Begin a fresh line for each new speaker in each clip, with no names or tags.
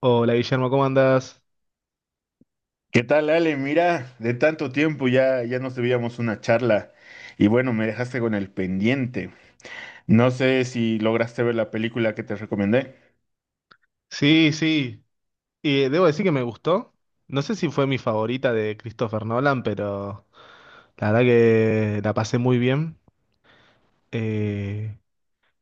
Hola Guillermo, ¿cómo andas?
¿Qué tal, Ale? Mira, de tanto tiempo ya nos debíamos una charla y bueno, me dejaste con el pendiente. No sé si lograste ver la película que te recomendé.
Sí, sí. Debo decir que me gustó. No sé si fue mi favorita de Christopher Nolan, pero la verdad que la pasé muy bien. Eh,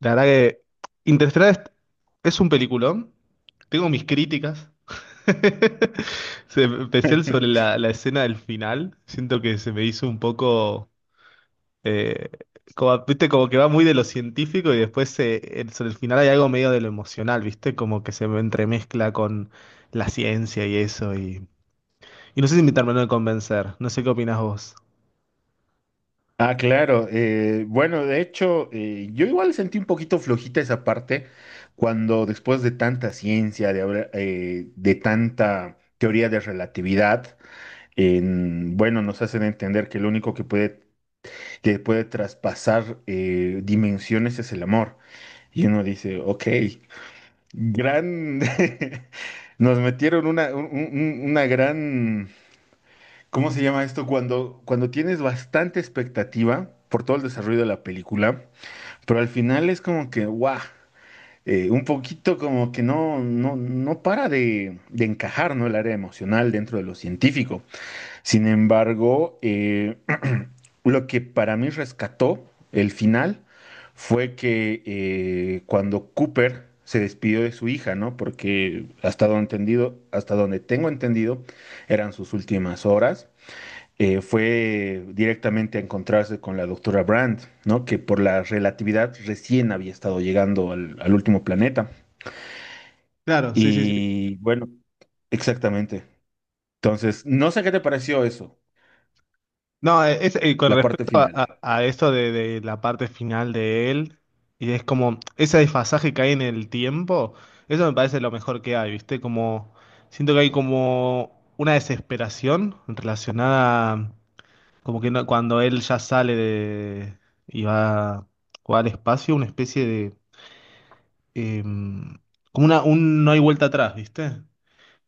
la verdad que Interstellar es un peliculón. Tengo mis críticas. Especial sobre la escena del final. Siento que se me hizo un poco. Eh, viste, como que va muy de lo científico y después sobre el final hay algo medio de lo emocional, viste, como que se me entremezcla con la ciencia y eso. Y no sé si me terminó de convencer, no sé qué opinás vos.
Ah, claro. Bueno, de hecho, yo igual sentí un poquito flojita esa parte cuando después de tanta ciencia, de tanta teoría de relatividad, bueno, nos hacen entender que lo que puede traspasar dimensiones es el amor. Y uno dice, ok, Gran, nos metieron una gran, ¿cómo se llama esto? Cuando tienes bastante expectativa por todo el desarrollo de la película, pero al final es como que, guau, un poquito como que no para de encajar, ¿no? El área emocional dentro de lo científico. Sin embargo, lo que para mí rescató el final fue que cuando Cooper se despidió de su hija, ¿no? Porque hasta donde tengo entendido, eran sus últimas horas. Fue directamente a encontrarse con la doctora Brand, ¿no? Que por la relatividad recién había estado llegando al último planeta.
Claro, sí, sí, sí.
Y bueno, exactamente. Entonces, no sé qué te pareció eso,
No, con
la parte
respecto a,
final.
a esto de la parte final de él, y es como ese desfasaje que hay en el tiempo, eso me parece lo mejor que hay, viste, como siento que hay como una desesperación relacionada. Como que no- Cuando él ya sale de y va, va al espacio, una especie de em, como un no hay vuelta atrás, ¿viste?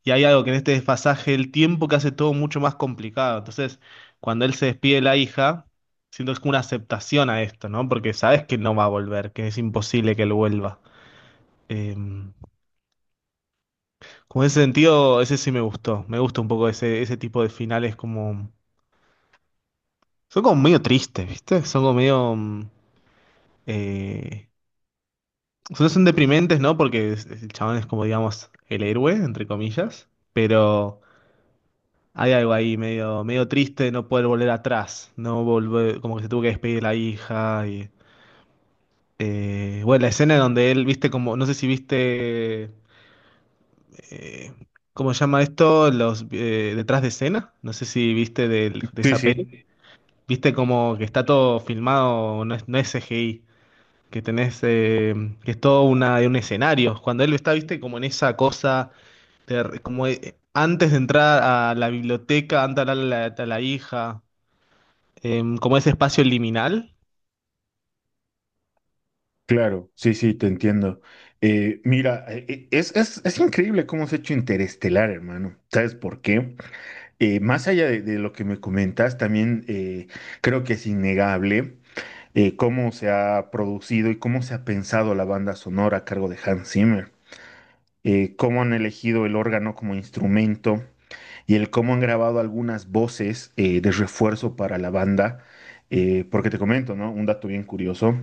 Y hay algo que en este desfasaje del tiempo que hace todo mucho más complicado. Entonces, cuando él se despide de la hija, siento que es como una aceptación a esto, ¿no? Porque sabes que no va a volver, que es imposible que él vuelva. Em, como en ese sentido, ese sí me gustó. Me gusta un poco ese tipo de finales como... Son como medio tristes, ¿viste? Son como medio... eh, o sea, son deprimentes, ¿no? Porque el chabón es como, digamos, el héroe, entre comillas, pero hay algo ahí medio triste de no poder volver atrás, no volver, como que se tuvo que despedir de la hija y... bueno, la escena donde él, viste, como, no sé si viste, eh, ¿cómo se llama esto? Los detrás de escena, no sé si viste de
Sí,
esa peli,
sí.
viste como que está todo filmado, no es CGI, que tenés, que es todo un escenario, cuando él está, viste, como en esa cosa Ter- como antes de entrar a la biblioteca, antes de hablarle a a la hija, como ese espacio liminal.
Claro, sí, sí, te entiendo. Es, es increíble cómo se ha hecho Interestelar, hermano. ¿Sabes por qué? Más allá de lo que me comentas, también creo que es innegable cómo se ha producido y cómo se ha pensado la banda sonora a cargo de Hans Zimmer. Cómo han elegido el órgano como instrumento y el cómo han grabado algunas voces de refuerzo para la banda. Porque te comento, ¿no? Un dato bien curioso: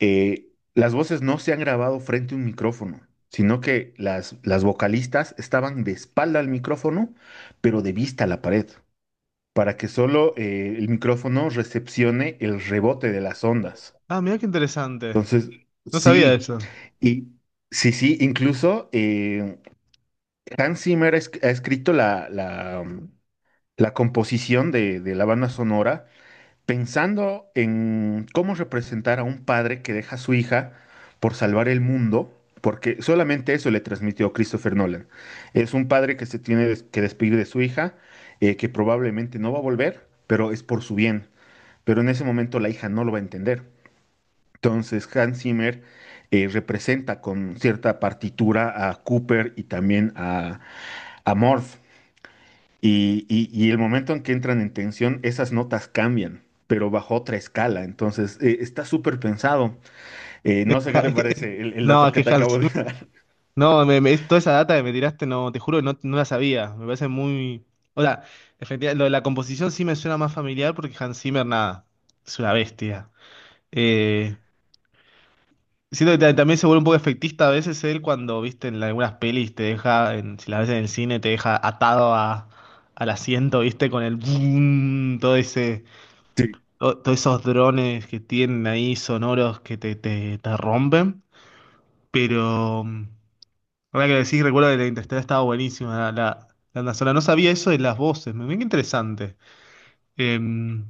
las voces no se han grabado frente a un micrófono, sino que las vocalistas estaban de espalda al micrófono, pero de vista a la pared, para que solo el micrófono recepcione el rebote de las ondas.
Ah, mira qué interesante.
Entonces,
No sabía
sí,
eso.
y sí, sí, incluso Hans Zimmer ha, ha escrito la composición de la banda sonora, pensando en cómo representar a un padre que deja a su hija por salvar el mundo, porque solamente eso le transmitió Christopher Nolan. Es un padre que que despedir de su hija, que probablemente no va a volver, pero es por su bien. Pero en ese momento la hija no lo va a entender. Entonces Hans Zimmer representa con cierta partitura a Cooper y también a Morph, y el momento en que entran en tensión, esas notas cambian, pero bajo otra escala. Entonces, está súper pensado. No sé qué te parece el
No,
dato
es
que
que
te
Hans
acabo de
Zimmer-
dar.
No, toda esa data que me tiraste, no, te juro que no, no la sabía. Me parece muy. O sea, efectivamente, lo de la composición sí me suena más familiar porque Hans Zimmer, nada, es una bestia. Eh, Siento que también se vuelve un poco efectista a veces él cuando, viste, en algunas pelis te deja, si las ves en el cine, te deja atado a, al asiento, viste, con el boom, todo ese,
Sí,
todos esos drones que tienen ahí sonoros que te rompen. Pero, mm, ahora que lo decís, recuerdo que la Interstellar estaba buenísima, la banda sonora. No sabía eso de las voces, me mira qué interesante. Em,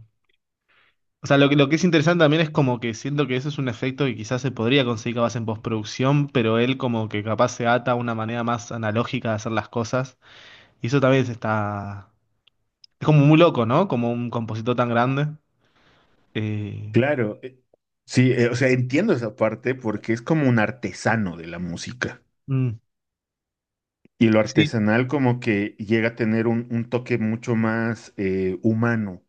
O sea, lo que es interesante también es como que siento que eso es un efecto que quizás se podría conseguir capaz en postproducción, pero él como que capaz se ata a una manera más analógica de hacer las cosas. Y eso también se está... Es como muy loco, ¿no? Como un compositor tan grande. Eh,
claro. Sí, o sea, entiendo esa parte porque es como un artesano de la música.
mm,
Y lo
sí.
artesanal como que llega a tener un toque mucho más humano.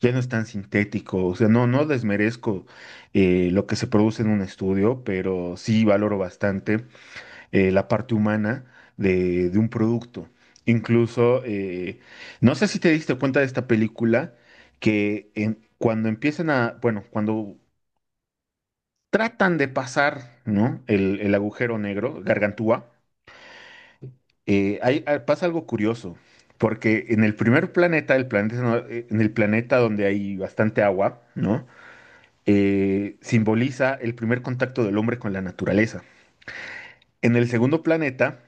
Ya no es tan sintético. O sea, no, no desmerezco lo que se produce en un estudio, pero sí valoro bastante la parte humana de un producto. Incluso, no sé si te diste cuenta de esta película, que cuando empiezan a, bueno, cuando tratan de pasar, ¿no? El agujero negro, Gargantúa, pasa algo curioso, porque en el primer planeta, el planeta, no- en el planeta donde hay bastante agua, ¿no? Simboliza el primer contacto del hombre con la naturaleza. En el segundo planeta,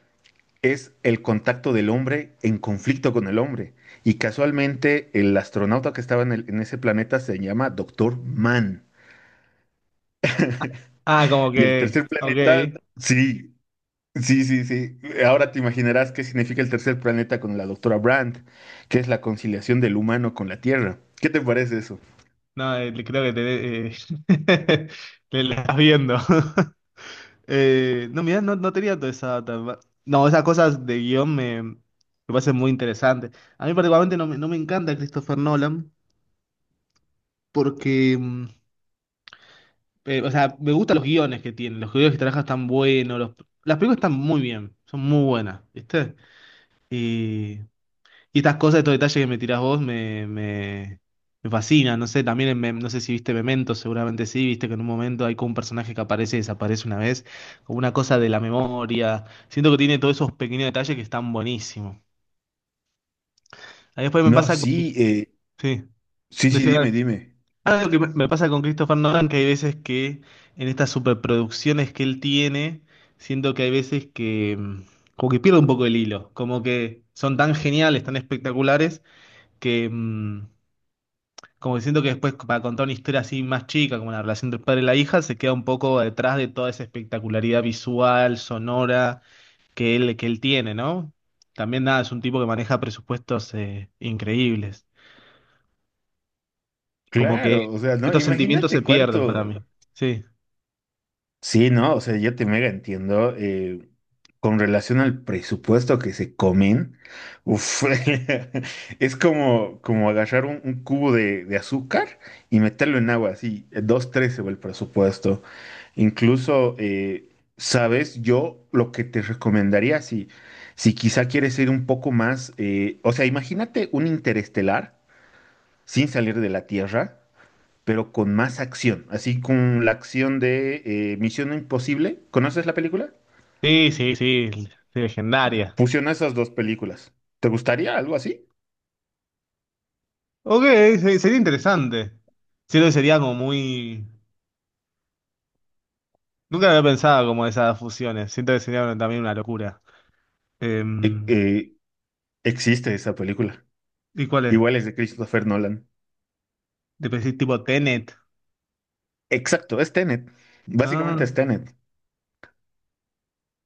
es el contacto del hombre en conflicto con el hombre. Y casualmente el astronauta que estaba en ese planeta se llama Doctor Mann.
Ah, como
Y el
que...
tercer
Ok.
planeta, sí, sí, sí, sí. Ahora te imaginarás qué significa el tercer planeta con la doctora Brandt, que es la conciliación del humano con la Tierra. ¿Qué te parece eso?
No, creo que te... te la estás viendo. No, mira, no, no tenía toda esa... tan. No, esas cosas de guión me parecen muy interesantes. A mí particularmente no me encanta Christopher Nolan porque, o sea, me gustan los guiones que tiene, los guiones que trabaja están buenos, las películas están muy bien, son muy buenas, ¿viste? Y estas cosas, estos detalles que me tirás vos me fascinan. No sé, también en no sé si viste Memento, seguramente sí, viste que en un momento hay como un personaje que aparece y desaparece una vez, como una cosa de la memoria. Siento que tiene todos esos pequeños detalles que están buenísimos. Ahí después me
No,
pasa con...
sí,
Sí,
sí, sí,
decía
dime, dime.
algo que me pasa con Christopher Nolan, que hay veces que en estas superproducciones que él tiene, siento que hay veces que como que pierde un poco el hilo, como que son tan geniales, tan espectaculares, que... mm, como diciendo que después para contar una historia así más chica, como la relación del padre y la hija, se queda un poco detrás de toda esa espectacularidad visual, sonora que él tiene, ¿no? También nada, es un tipo que maneja presupuestos increíbles. Como que
Claro, o sea, no,
estos sentimientos se
imagínate cuánto.
pierden para mí. Sí,
Sí, no, o sea, yo te mega entiendo. Con relación al presupuesto que se comen, uf, es como agarrar un cubo de azúcar y meterlo en agua, así, dos, tres se va el presupuesto. Incluso, sabes, yo lo que te recomendaría, si quizá quieres ir un poco más, o sea, imagínate un interestelar sin salir de la Tierra pero con más acción, así con la acción de Misión Imposible. ¿Conoces la película?
sí, legendaria.
Fusiona esas dos películas. ¿Te gustaría algo así?
Ok, sería interesante. Siento que sería como muy... Nunca había pensado como esas fusiones. Siento que sería también una locura.
Eh,
Em,
eh, Existe esa película.
¿Y cuál es?
Igual es de Christopher Nolan.
¿Te pensás tipo Tenet?
Exacto, es Tenet.
Ah,
Básicamente es Tenet.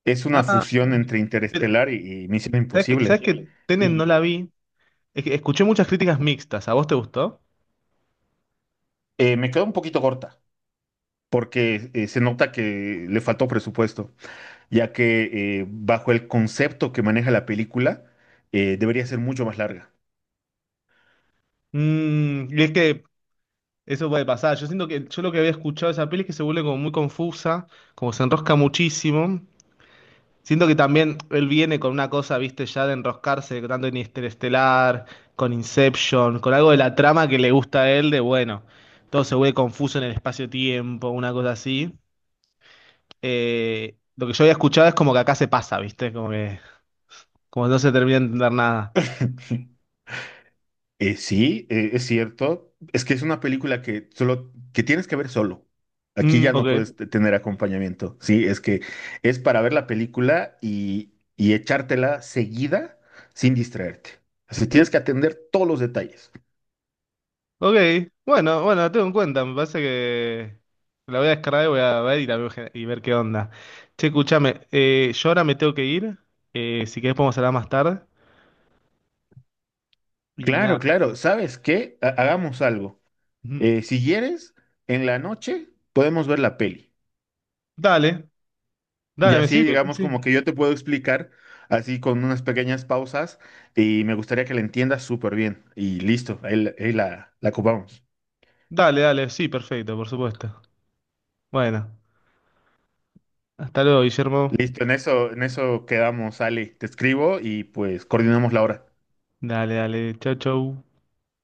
Es una
ah,
fusión entre
pero,
Interestelar y Misión
sabes
Imposible.
que Tenet no la
Y
vi? Es que escuché muchas críticas mixtas. ¿A vos te gustó?
me quedó un poquito corta, porque se nota que le faltó presupuesto, ya que bajo el concepto que maneja la película, debería ser mucho más larga.
Mm, y es que eso puede pasar. Yo siento que yo lo que había escuchado de esa peli es que se vuelve como muy confusa, como se enrosca muchísimo. Siento que también él viene con una cosa, viste, ya de enroscarse, tanto en Interestelar, con Inception, con algo de la trama que le gusta a él, de bueno, todo se vuelve confuso en el espacio-tiempo, una cosa así. Lo que yo había escuchado es como que acá se pasa, viste, como que. Como no se termina de entender nada.
Sí, es cierto. Es que es una película que solo que tienes que ver solo. Aquí
Mm,
ya no
ok.
puedes tener acompañamiento. Sí, es que es para ver la película y echártela seguida sin distraerte. Así tienes que atender todos los detalles.
Ok. Bueno, bueno, la tengo en cuenta. Me parece que la voy a descargar y voy a ver y la veo y ver qué onda. Che, escúchame. Yo ahora me tengo que ir. Si querés podemos hablar más tarde. Y
Claro,
nada.
claro. ¿Sabes qué? Hagamos algo.
Ujú.
Si quieres, en la noche podemos ver la peli.
Dale,
Y
dale, me
así,
sirve. Sí,
digamos, como
sí.
que yo te puedo explicar, así con unas pequeñas pausas, y me gustaría que la entiendas súper bien. Y listo, ahí la ocupamos.
Dale, dale. Sí, perfecto, por supuesto. Bueno. Hasta luego, Guillermo.
Listo, en eso quedamos, Ale. Te escribo y pues coordinamos la hora.
Dale, dale. Chau, chau.